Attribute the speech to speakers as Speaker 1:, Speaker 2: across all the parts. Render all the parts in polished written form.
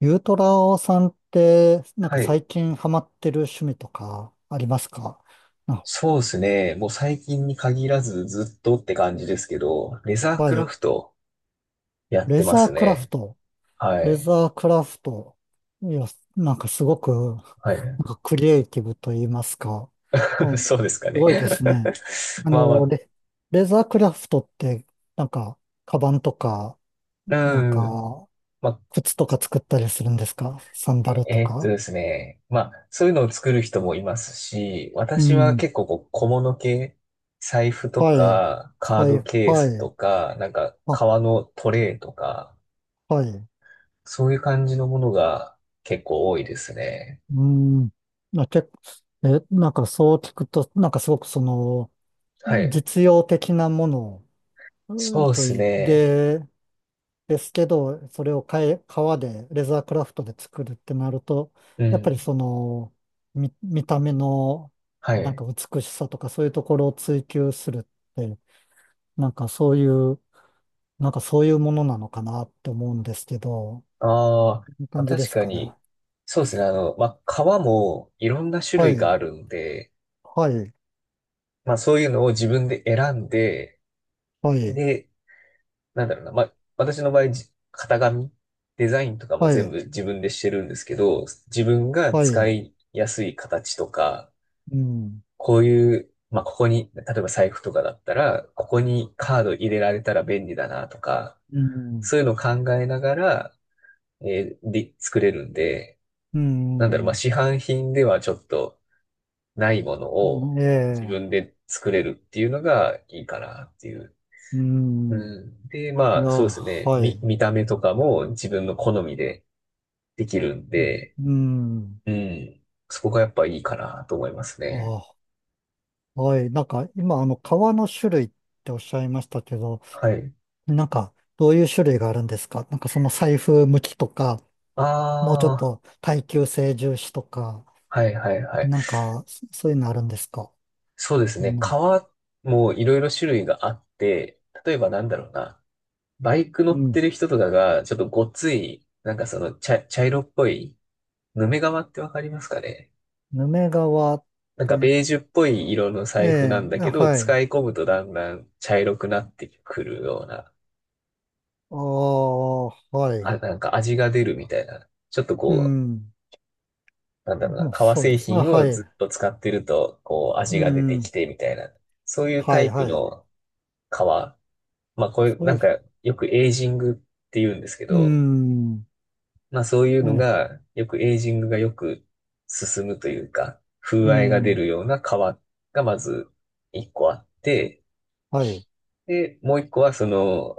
Speaker 1: ゆうトラオさんって、なんか
Speaker 2: はい。
Speaker 1: 最近ハマってる趣味とかありますか？あ、
Speaker 2: そうですね。もう最近に限らずずっとって感じですけど、レザー
Speaker 1: は
Speaker 2: クラ
Speaker 1: い。
Speaker 2: フトやっ
Speaker 1: レ
Speaker 2: てま
Speaker 1: ザー
Speaker 2: す
Speaker 1: クラフ
Speaker 2: ね。
Speaker 1: ト。
Speaker 2: は
Speaker 1: レ
Speaker 2: い。
Speaker 1: ザークラフト。いや、なんかすごく、
Speaker 2: はい。
Speaker 1: なんかクリエイティブと言いますか。う ん、す
Speaker 2: そうですかね。
Speaker 1: ごいですね。あ
Speaker 2: まあ
Speaker 1: の、
Speaker 2: ま
Speaker 1: レ、レザークラフトって、なんか、カバンとか、
Speaker 2: あ、
Speaker 1: なん
Speaker 2: うん。
Speaker 1: か、
Speaker 2: まあ、
Speaker 1: 靴とか作ったりするんですか？サン
Speaker 2: え
Speaker 1: ダルと
Speaker 2: えーっと
Speaker 1: か。
Speaker 2: ですね。まあ、そういうのを作る人もいますし、
Speaker 1: う
Speaker 2: 私は
Speaker 1: ん。
Speaker 2: 結構こう小物系、財布と
Speaker 1: はい。
Speaker 2: か、カー
Speaker 1: は
Speaker 2: ド
Speaker 1: い、
Speaker 2: ケー
Speaker 1: は
Speaker 2: スと
Speaker 1: い。
Speaker 2: か、なんか
Speaker 1: あ、
Speaker 2: 革のトレイとか、
Speaker 1: はい。
Speaker 2: そういう感じのものが結構多いですね。
Speaker 1: うん。あ、なんかそう聞くと、なんかすごくその、
Speaker 2: はい。
Speaker 1: 実用的なものうん
Speaker 2: そうで
Speaker 1: と
Speaker 2: す
Speaker 1: い
Speaker 2: ね。
Speaker 1: で、ですけど、それを革で、レザークラフトで作るってなると、
Speaker 2: う
Speaker 1: やっぱり
Speaker 2: ん。
Speaker 1: その、見た目の、
Speaker 2: は
Speaker 1: なん
Speaker 2: い。
Speaker 1: か美しさとかそういうところを追求するって、なんかそういう、なんかそういうものなのかなって思うんですけど、
Speaker 2: あー
Speaker 1: いい
Speaker 2: まあ、
Speaker 1: 感じで
Speaker 2: 確
Speaker 1: す
Speaker 2: か
Speaker 1: かね。
Speaker 2: に、そうですね。まあ、革もいろんな種
Speaker 1: は
Speaker 2: 類
Speaker 1: い、
Speaker 2: があるので、
Speaker 1: はい、
Speaker 2: まあ、そういうのを自分で選んで、
Speaker 1: はい、
Speaker 2: で、なんだろうな。まあ、私の場合、型紙、デザインとかも
Speaker 1: は
Speaker 2: 全
Speaker 1: い、
Speaker 2: 部自分でしてるんですけど、自分が
Speaker 1: は
Speaker 2: 使
Speaker 1: い、
Speaker 2: いやすい形とか、
Speaker 1: うん。
Speaker 2: こういう、まあ、ここに、例えば財布とかだったら、ここにカード入れられたら便利だなとか、
Speaker 1: うん、
Speaker 2: そういうのを考えながら、で、作れるんで、
Speaker 1: う
Speaker 2: なんだろう、ま
Speaker 1: ん、
Speaker 2: あ、
Speaker 1: う
Speaker 2: 市販品ではちょっとないものを
Speaker 1: ん
Speaker 2: 自
Speaker 1: ええ、
Speaker 2: 分で作れるっていうのがいいかなっていう。
Speaker 1: う
Speaker 2: う
Speaker 1: ん、
Speaker 2: ん。で、
Speaker 1: い
Speaker 2: ま
Speaker 1: や、
Speaker 2: あ、そうですね。
Speaker 1: は
Speaker 2: 見、
Speaker 1: い。
Speaker 2: 見た目とかも自分の好みでできるん
Speaker 1: ね
Speaker 2: で、
Speaker 1: うん、
Speaker 2: うん。そこがやっぱいいかなと思いますね。
Speaker 1: あ、はい。なんか、今、革の種類っておっしゃいましたけど、
Speaker 2: はい。
Speaker 1: なんか、どういう種類があるんですか？なんか、その財布向きとか、もうちょっ
Speaker 2: ああ、
Speaker 1: と耐久性重視とか、
Speaker 2: はいはいはい。
Speaker 1: なんか、そういうのあるんですか？
Speaker 2: そうです
Speaker 1: う
Speaker 2: ね。
Speaker 1: ん、
Speaker 2: 革もいろいろ種類があって、例えばなんだろうな。バイク乗
Speaker 1: う
Speaker 2: っ
Speaker 1: ん。
Speaker 2: てる人とかが、ちょっとごっつい、なんかその茶色っぽい、ヌメ革ってわかりますかね？
Speaker 1: ヌメ革っ
Speaker 2: なんか
Speaker 1: て、
Speaker 2: ベージュっぽい色の
Speaker 1: え
Speaker 2: 財布なん
Speaker 1: え、
Speaker 2: だけ
Speaker 1: あ
Speaker 2: ど、
Speaker 1: はい。
Speaker 2: 使い込むとだんだん茶色くなってくるような、
Speaker 1: ああ、はい。
Speaker 2: あ、なんか味が出るみたいな。ちょっと
Speaker 1: う
Speaker 2: こ
Speaker 1: ん。
Speaker 2: う、なんだろうな、
Speaker 1: もう
Speaker 2: 革
Speaker 1: そうで
Speaker 2: 製
Speaker 1: す。あ、
Speaker 2: 品を
Speaker 1: は
Speaker 2: ず
Speaker 1: い。
Speaker 2: っと使ってると、こう
Speaker 1: う
Speaker 2: 味が出てき
Speaker 1: ん。
Speaker 2: てみたいな。そういう
Speaker 1: は
Speaker 2: タ
Speaker 1: い
Speaker 2: イプ
Speaker 1: はい。
Speaker 2: の革。まあこれ
Speaker 1: そう
Speaker 2: な
Speaker 1: い
Speaker 2: ん
Speaker 1: う、
Speaker 2: かよくエイジングって言うんですけ
Speaker 1: う
Speaker 2: ど、
Speaker 1: ん。
Speaker 2: まあそういうの
Speaker 1: ね、
Speaker 2: が、よくエイジングがよく進むというか、風
Speaker 1: う
Speaker 2: 合いが出
Speaker 1: ん。
Speaker 2: るような皮がまず一個あって、
Speaker 1: はい。
Speaker 2: で、もう一個はその、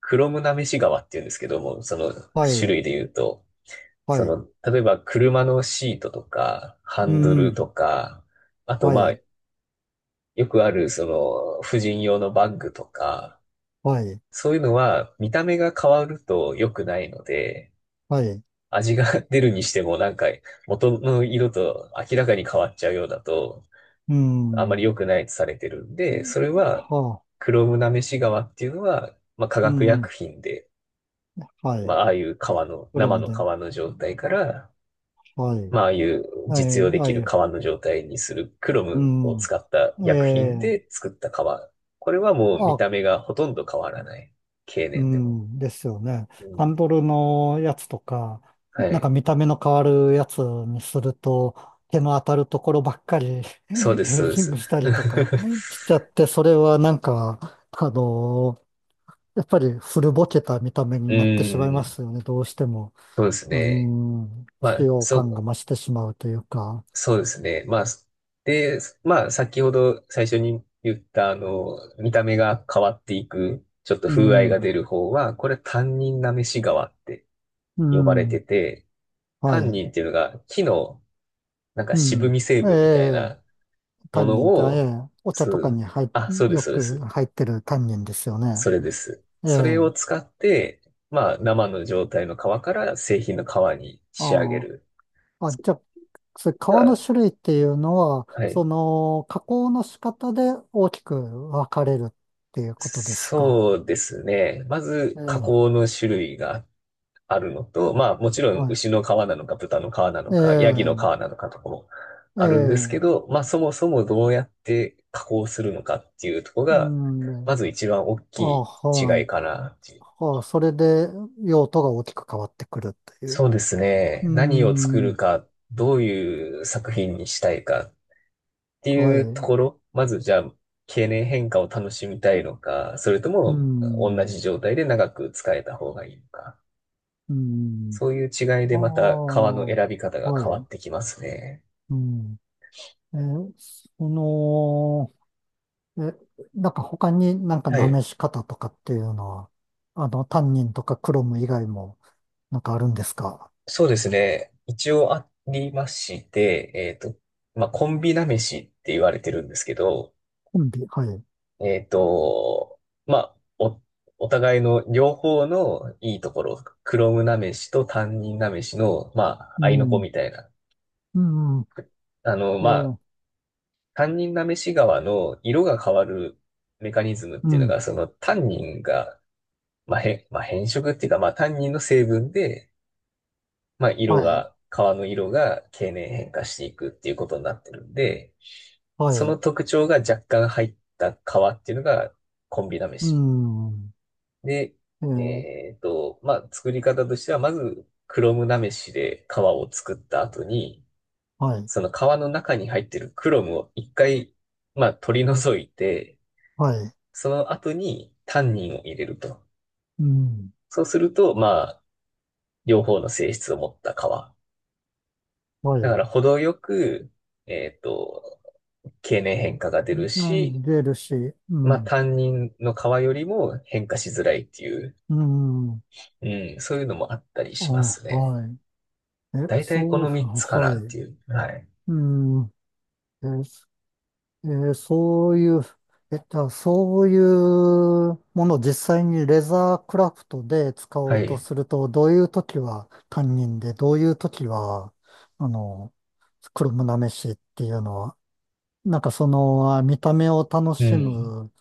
Speaker 2: クロムなめし革っていうんですけども、その
Speaker 1: は
Speaker 2: 種
Speaker 1: い。
Speaker 2: 類で言うと、
Speaker 1: は
Speaker 2: そ
Speaker 1: い。
Speaker 2: の、例えば車のシートとか、ハ
Speaker 1: う
Speaker 2: ンドル
Speaker 1: ん。
Speaker 2: とか、あと
Speaker 1: は
Speaker 2: まあ、
Speaker 1: い。
Speaker 2: よくあるその、婦人用のバッグとか、
Speaker 1: はい。
Speaker 2: そういうのは見た目が変わると良くないので、
Speaker 1: はい。
Speaker 2: 味が 出るにしてもなんか元の色と明らかに変わっちゃうようだと
Speaker 1: う
Speaker 2: あまり
Speaker 1: ん。
Speaker 2: 良くないとされてるんで、それ
Speaker 1: は
Speaker 2: は
Speaker 1: あ。
Speaker 2: クロムナメシ川っていうのは、まあ、化
Speaker 1: う
Speaker 2: 学薬
Speaker 1: ん。
Speaker 2: 品で、
Speaker 1: は
Speaker 2: ま
Speaker 1: い。
Speaker 2: あ、ああいう川の、
Speaker 1: プロ
Speaker 2: 生
Speaker 1: ム
Speaker 2: の
Speaker 1: で。
Speaker 2: 川の状態から、
Speaker 1: はい。
Speaker 2: まあ、ああいう
Speaker 1: は
Speaker 2: 実
Speaker 1: い。
Speaker 2: 用で
Speaker 1: は
Speaker 2: きる
Speaker 1: い。
Speaker 2: 川の状態にするクロムを
Speaker 1: う
Speaker 2: 使った薬品
Speaker 1: ん。え
Speaker 2: で
Speaker 1: え
Speaker 2: 作った川。これはもう見
Speaker 1: あ、
Speaker 2: た目がほとんど変わらない。経
Speaker 1: う
Speaker 2: 年でも。
Speaker 1: ん、ですよね。
Speaker 2: う
Speaker 1: ハ
Speaker 2: ん。
Speaker 1: ンドルのやつとか、
Speaker 2: は
Speaker 1: なんか
Speaker 2: い。
Speaker 1: 見た目の変わるやつにすると、手の当たるところばっかり
Speaker 2: そう です、
Speaker 1: エ
Speaker 2: そ
Speaker 1: イ
Speaker 2: うで
Speaker 1: ジング
Speaker 2: す。
Speaker 1: した
Speaker 2: う
Speaker 1: りとかしちゃって、それはなんか、やっぱり古ぼけた見た目
Speaker 2: ー
Speaker 1: になってしまいま
Speaker 2: ん。
Speaker 1: すよね、どうしても。
Speaker 2: そうです
Speaker 1: う
Speaker 2: ね。
Speaker 1: ん、
Speaker 2: ま
Speaker 1: 使
Speaker 2: あ、
Speaker 1: 用
Speaker 2: そ
Speaker 1: 感が
Speaker 2: う、
Speaker 1: 増してしまうというか。
Speaker 2: そうですね。まあ、で、まあ、先ほど最初に言った、あの、見た目が変わっていく、ちょっと
Speaker 1: う
Speaker 2: 風合いが
Speaker 1: ん、
Speaker 2: 出る方は、これ、タンニンなめし川って
Speaker 1: う
Speaker 2: 呼ばれて
Speaker 1: ん、
Speaker 2: て、タ
Speaker 1: は
Speaker 2: ン
Speaker 1: い。
Speaker 2: ニンっていうのが木の、なんか
Speaker 1: う
Speaker 2: 渋
Speaker 1: ん、
Speaker 2: み成
Speaker 1: え
Speaker 2: 分みたい
Speaker 1: え
Speaker 2: な
Speaker 1: タ
Speaker 2: も
Speaker 1: ン
Speaker 2: の
Speaker 1: ニンって、え
Speaker 2: を、
Speaker 1: え、お茶
Speaker 2: そ
Speaker 1: とか
Speaker 2: う、
Speaker 1: に入っ、
Speaker 2: あ、そうで
Speaker 1: よ
Speaker 2: す、そうで
Speaker 1: く
Speaker 2: す。
Speaker 1: 入ってるタンニンですよね。
Speaker 2: それです。
Speaker 1: え
Speaker 2: それを
Speaker 1: え、
Speaker 2: 使って、まあ、生の状態の皮から製品の皮に仕上げ
Speaker 1: あ
Speaker 2: る。
Speaker 1: あ、あ、
Speaker 2: それ
Speaker 1: じゃあ、それ皮の
Speaker 2: が、
Speaker 1: 種類っていうのは、
Speaker 2: はい。
Speaker 1: 加工の仕方で大きく分かれるっていうことですか？
Speaker 2: そうですね。まず、
Speaker 1: え
Speaker 2: 加
Speaker 1: え、
Speaker 2: 工の種類があるのと、まあ、もちろん、
Speaker 1: はい。
Speaker 2: 牛の皮なのか、豚の皮なの
Speaker 1: え
Speaker 2: か、ヤギの皮
Speaker 1: え、
Speaker 2: なのかとかも
Speaker 1: え
Speaker 2: あるんですけ
Speaker 1: え、
Speaker 2: ど、まあ、そもそもどうやって加工するのかっていうところ
Speaker 1: う
Speaker 2: が、ま
Speaker 1: ん、
Speaker 2: ず一番大き
Speaker 1: あ、
Speaker 2: い
Speaker 1: は
Speaker 2: 違い
Speaker 1: い。
Speaker 2: かなっていう。
Speaker 1: あ、それで用途が大きく変わってくるという。
Speaker 2: そうです
Speaker 1: う
Speaker 2: ね。何を作る
Speaker 1: ん、
Speaker 2: か、どういう作品にしたいかって
Speaker 1: は
Speaker 2: いうとこ
Speaker 1: い。
Speaker 2: ろ、まずじゃあ、経年変化を楽しみたいのか、それと
Speaker 1: う
Speaker 2: も同
Speaker 1: ん、
Speaker 2: じ状態で長く使えた方がいいのか。
Speaker 1: うん、
Speaker 2: そういう違い
Speaker 1: あ
Speaker 2: で
Speaker 1: あ、
Speaker 2: また革の選び方が
Speaker 1: は
Speaker 2: 変わっ
Speaker 1: い。
Speaker 2: てきますね。
Speaker 1: うん。えーその、え、なんか他になんか
Speaker 2: は
Speaker 1: な
Speaker 2: い。
Speaker 1: めし方とかっていうのは、タンニンとかクロム以外もなんかあるんですか？
Speaker 2: そうですね。一応ありまして、まあ、コンビなめしって言われてるんですけど、
Speaker 1: コンビ、はい。
Speaker 2: えっと、まあ、お互いの両方のいいところ、クロムなめしと担任なめしの、まあ、合
Speaker 1: う
Speaker 2: いの子
Speaker 1: ん。
Speaker 2: みたいな。
Speaker 1: うん。
Speaker 2: あの、
Speaker 1: え
Speaker 2: まあ、
Speaker 1: ー
Speaker 2: 担任なめし側の色が変わるメカニズムっ
Speaker 1: う
Speaker 2: ていうの
Speaker 1: ん。
Speaker 2: が、その担任が、まあ、まあ、変色っていうか、まあ、担任の成分で、まあ、
Speaker 1: はい。
Speaker 2: 川の色が経年変化していくっていうことになってるんで、
Speaker 1: は
Speaker 2: その
Speaker 1: い。
Speaker 2: 特徴が若干入った川っていうのがコンビなめ
Speaker 1: う
Speaker 2: し。
Speaker 1: ん。
Speaker 2: で、
Speaker 1: えー
Speaker 2: まあ、作り方としては、まず、クロムなめしで川を作った後に、
Speaker 1: はい。
Speaker 2: その川の中に入ってるクロムを一回、まあ、取り除いて、
Speaker 1: はい。
Speaker 2: その後にタンニンを入れると。
Speaker 1: うん。
Speaker 2: そうすると、まあ、両方の性質を持った川。
Speaker 1: は
Speaker 2: だか
Speaker 1: い。
Speaker 2: ら、程よく、えっと、経年変化が出る
Speaker 1: う
Speaker 2: し、
Speaker 1: ん出るし、う
Speaker 2: まあ
Speaker 1: ん。
Speaker 2: 担任の側よりも変化しづらいっていう、
Speaker 1: うん。
Speaker 2: うん、そういうのもあったり
Speaker 1: あ、
Speaker 2: しますね。
Speaker 1: はい。え、
Speaker 2: 大体こ
Speaker 1: そう、
Speaker 2: の3つか
Speaker 1: は
Speaker 2: なっ
Speaker 1: い。
Speaker 2: ていう。はい。
Speaker 1: うん。えーそういう、えっと、そういうものを実際にレザークラフトで使お
Speaker 2: は
Speaker 1: うと
Speaker 2: い。
Speaker 1: すると、どういう時は担任で、どういう時は、あの、黒むなめしっていうのは、なんか見た目を楽
Speaker 2: う
Speaker 1: し
Speaker 2: ん。
Speaker 1: む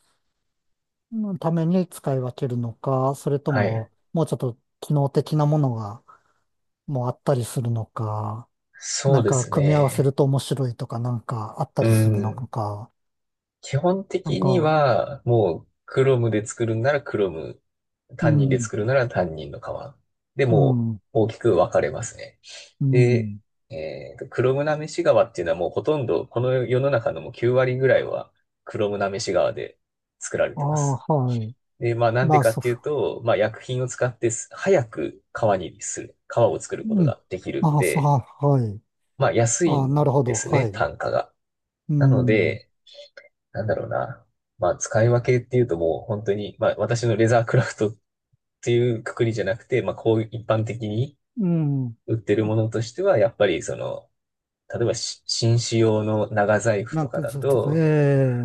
Speaker 1: ために使い分けるのか、それと
Speaker 2: はい。
Speaker 1: も、もうちょっと機能的なものがもうあったりするのか、
Speaker 2: そ
Speaker 1: な
Speaker 2: う
Speaker 1: ん
Speaker 2: で
Speaker 1: か
Speaker 2: す
Speaker 1: 組み合わせる
Speaker 2: ね。
Speaker 1: と面白いとかなんかあった
Speaker 2: う
Speaker 1: りするの
Speaker 2: ん。
Speaker 1: か、
Speaker 2: 基本
Speaker 1: なん
Speaker 2: 的に
Speaker 1: か、
Speaker 2: は、もう、Chrome で作るんなら Chrome、
Speaker 1: う
Speaker 2: 担任で
Speaker 1: ん。
Speaker 2: 作るなら担任の側。で
Speaker 1: う
Speaker 2: も
Speaker 1: ん、
Speaker 2: う、大きく分かれますね。
Speaker 1: う
Speaker 2: で、
Speaker 1: ん。
Speaker 2: Chrome なめし側っていうのはもうほとんど、この世の中のもう9割ぐらいは Chrome なめし側で作られ
Speaker 1: ああ、
Speaker 2: てます。
Speaker 1: はい。
Speaker 2: で、まあなんで
Speaker 1: まあ、
Speaker 2: かっ
Speaker 1: そ
Speaker 2: ていうと、まあ薬品を使ってす早く革にする、革を作るこ
Speaker 1: う、
Speaker 2: と
Speaker 1: うん。
Speaker 2: ができるん
Speaker 1: ああ、そう、
Speaker 2: で、
Speaker 1: はい。
Speaker 2: まあ安い
Speaker 1: ああ、なる
Speaker 2: ん
Speaker 1: ほ
Speaker 2: で
Speaker 1: ど、
Speaker 2: す
Speaker 1: は
Speaker 2: ね、
Speaker 1: い。
Speaker 2: 単価が。
Speaker 1: う
Speaker 2: なの
Speaker 1: ん、
Speaker 2: で、なんだろうな。まあ、使い分けっていうともう本当に、まあ、私のレザークラフトっていうくくりじゃなくて、まあ、こういう一般的に
Speaker 1: うん。
Speaker 2: 売ってるものとしては、やっぱりその、例えば紳士用の長財布
Speaker 1: な
Speaker 2: と
Speaker 1: ん
Speaker 2: か
Speaker 1: か、
Speaker 2: だ
Speaker 1: ちょっと、え
Speaker 2: と、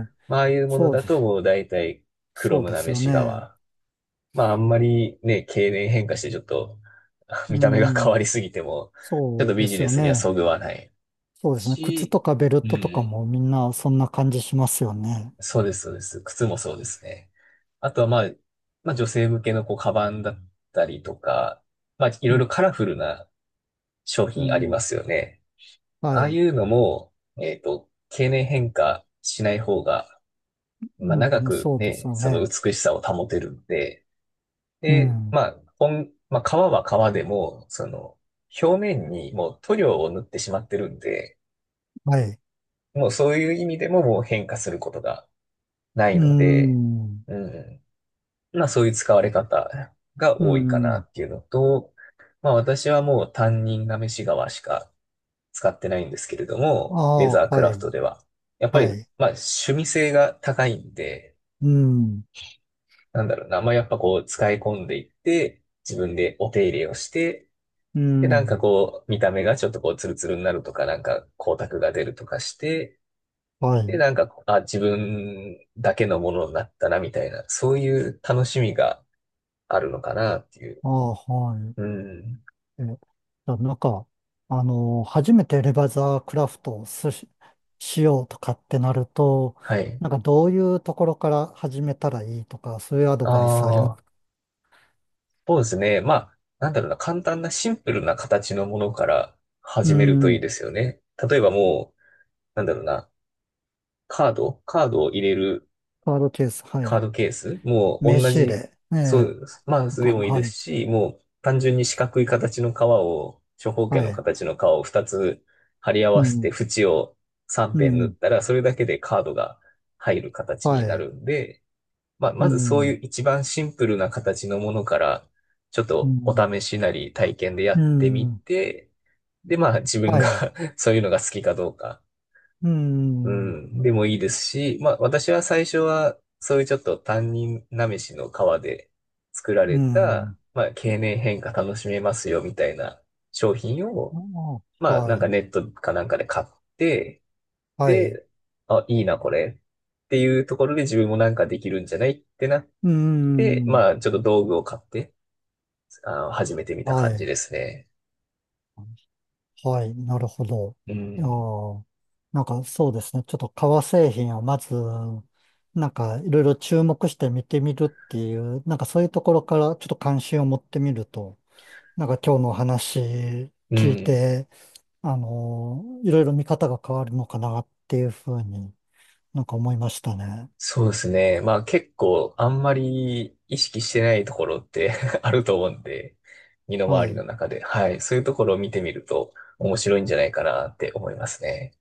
Speaker 1: え、
Speaker 2: まあ、ああいうもの
Speaker 1: そうで
Speaker 2: だ
Speaker 1: す、
Speaker 2: ともう大体黒
Speaker 1: そう
Speaker 2: む
Speaker 1: で
Speaker 2: な
Speaker 1: す
Speaker 2: め
Speaker 1: よ
Speaker 2: し
Speaker 1: ね。
Speaker 2: 革。まあ、あんまりね、経年変化してちょっと 見
Speaker 1: う
Speaker 2: た目が変わ
Speaker 1: ん、
Speaker 2: りすぎても、ちょっ
Speaker 1: そ
Speaker 2: と
Speaker 1: うで
Speaker 2: ビジ
Speaker 1: す
Speaker 2: ネ
Speaker 1: よ
Speaker 2: スには
Speaker 1: ね。
Speaker 2: そぐわない
Speaker 1: そうですね。靴
Speaker 2: し、
Speaker 1: とかベル
Speaker 2: う
Speaker 1: トとか
Speaker 2: ん。
Speaker 1: もみんなそんな感じしますよね。
Speaker 2: そうです、そうです。靴もそうですね。あとは、まあ、女性向けのこう、カバンだったりとか、まあ、いろいろカラフルな商
Speaker 1: う
Speaker 2: 品ありま
Speaker 1: ん、
Speaker 2: すよね。
Speaker 1: は
Speaker 2: ああい
Speaker 1: い。
Speaker 2: うのも、経年変化しない方が、まあ、長
Speaker 1: うん、
Speaker 2: く
Speaker 1: そうです
Speaker 2: ね、
Speaker 1: よ
Speaker 2: その
Speaker 1: ね。
Speaker 2: 美しさを保てるんで、
Speaker 1: う
Speaker 2: で、
Speaker 1: ん、
Speaker 2: まあ、革は革でも、その、表面にもう塗料を塗ってしまってるんで、
Speaker 1: はい。
Speaker 2: もうそういう意味でももう変化することがない
Speaker 1: う
Speaker 2: ので、
Speaker 1: ん、
Speaker 2: うん。まあそういう使われ方が
Speaker 1: う
Speaker 2: 多いかな
Speaker 1: ん。
Speaker 2: っていうのと、まあ私はもう担任が飯側しか使ってないんですけれど
Speaker 1: あ
Speaker 2: も、レ
Speaker 1: あ、
Speaker 2: ザーク
Speaker 1: は
Speaker 2: ラフ
Speaker 1: い、
Speaker 2: トでは。やっぱり、
Speaker 1: はい。
Speaker 2: まあ趣味性が高いんで、
Speaker 1: うん。
Speaker 2: なんだろうな、まあやっぱこう使い込んでいって、自分でお手入れをして、
Speaker 1: う
Speaker 2: で、なん
Speaker 1: ん、
Speaker 2: かこう見た目がちょっとこうツルツルになるとか、なんか光沢が出るとかして、
Speaker 1: は
Speaker 2: で、
Speaker 1: い。
Speaker 2: なんか、あ、自分だけのものになったな、みたいな、そういう楽しみがあるのかなっていう。
Speaker 1: ああ、はい。
Speaker 2: うん。
Speaker 1: え、じゃあなんか、初めてレバーザークラフトをしようとかってなると、
Speaker 2: はい。
Speaker 1: なんかどういうところから始めたらいいとか、そういうアド
Speaker 2: あ
Speaker 1: バイスありま
Speaker 2: あ、
Speaker 1: す？
Speaker 2: そうですね。まあ、なんだろうな、簡単なシンプルな形のものから
Speaker 1: う
Speaker 2: 始めるといい
Speaker 1: ん、
Speaker 2: ですよね。例えばもう、なんだろうな、カードを入れる
Speaker 1: カードケース、は
Speaker 2: カー
Speaker 1: い。
Speaker 2: ドケース、もう
Speaker 1: 名
Speaker 2: 同
Speaker 1: 刺入れ、
Speaker 2: じ、
Speaker 1: え
Speaker 2: そ
Speaker 1: え、
Speaker 2: う、まあ、
Speaker 1: とか、
Speaker 2: でもいい
Speaker 1: は
Speaker 2: で
Speaker 1: い、
Speaker 2: すし、もう単純に四角い形の革を、長方形
Speaker 1: は
Speaker 2: の
Speaker 1: い。
Speaker 2: 形の革を2つ貼り合
Speaker 1: う
Speaker 2: わせて
Speaker 1: ん、
Speaker 2: 縁を3
Speaker 1: う
Speaker 2: 辺縫っ
Speaker 1: ん、
Speaker 2: たら、それだけでカードが入る形
Speaker 1: は
Speaker 2: にな
Speaker 1: い。
Speaker 2: るんで、まあ、
Speaker 1: う
Speaker 2: まずそうい
Speaker 1: ん、
Speaker 2: う一番シンプルな形のものから、ちょっ
Speaker 1: う
Speaker 2: とお
Speaker 1: ん、
Speaker 2: 試しなり体験でや
Speaker 1: う
Speaker 2: ってみ
Speaker 1: ん、
Speaker 2: て、で、まあ自分
Speaker 1: は
Speaker 2: が
Speaker 1: い。
Speaker 2: そういうのが好きかどうか、
Speaker 1: う
Speaker 2: う
Speaker 1: ん、
Speaker 2: ん、でもいいですし、まあ私は最初はそういうちょっと担任なめしの皮で作ら
Speaker 1: う
Speaker 2: れた、
Speaker 1: ん、
Speaker 2: まあ経年変化楽しめますよみたいな商品
Speaker 1: あ
Speaker 2: を、
Speaker 1: あ
Speaker 2: まあ
Speaker 1: は
Speaker 2: なんか
Speaker 1: い、
Speaker 2: ネットかなんかで買って、
Speaker 1: はい。
Speaker 2: で、あ、いいなこれっていうところで自分もなんかできるんじゃないってなっ
Speaker 1: う
Speaker 2: で、
Speaker 1: ん。
Speaker 2: まあ、ちょっと道具を買って、あの、始めてみた
Speaker 1: は
Speaker 2: 感じ
Speaker 1: い。
Speaker 2: ですね。
Speaker 1: はい。なるほど。
Speaker 2: う
Speaker 1: いや
Speaker 2: ん。
Speaker 1: ーなんかそうですね。ちょっと革製品をまず、なんかいろいろ注目して見てみるっていう、なんかそういうところからちょっと関心を持ってみると、なんか今日のお話
Speaker 2: う
Speaker 1: 聞い
Speaker 2: ん。
Speaker 1: て、いろいろ見方が変わるのかなっていうふうになんか思いましたね。
Speaker 2: そうですね。まあ、結構、あんまり意識してないところって あると思うんで、身の
Speaker 1: は
Speaker 2: 回
Speaker 1: い。
Speaker 2: り
Speaker 1: う
Speaker 2: の
Speaker 1: ん
Speaker 2: 中で。はい。そういうところを見てみると、面白いんじゃないかなって思いますね。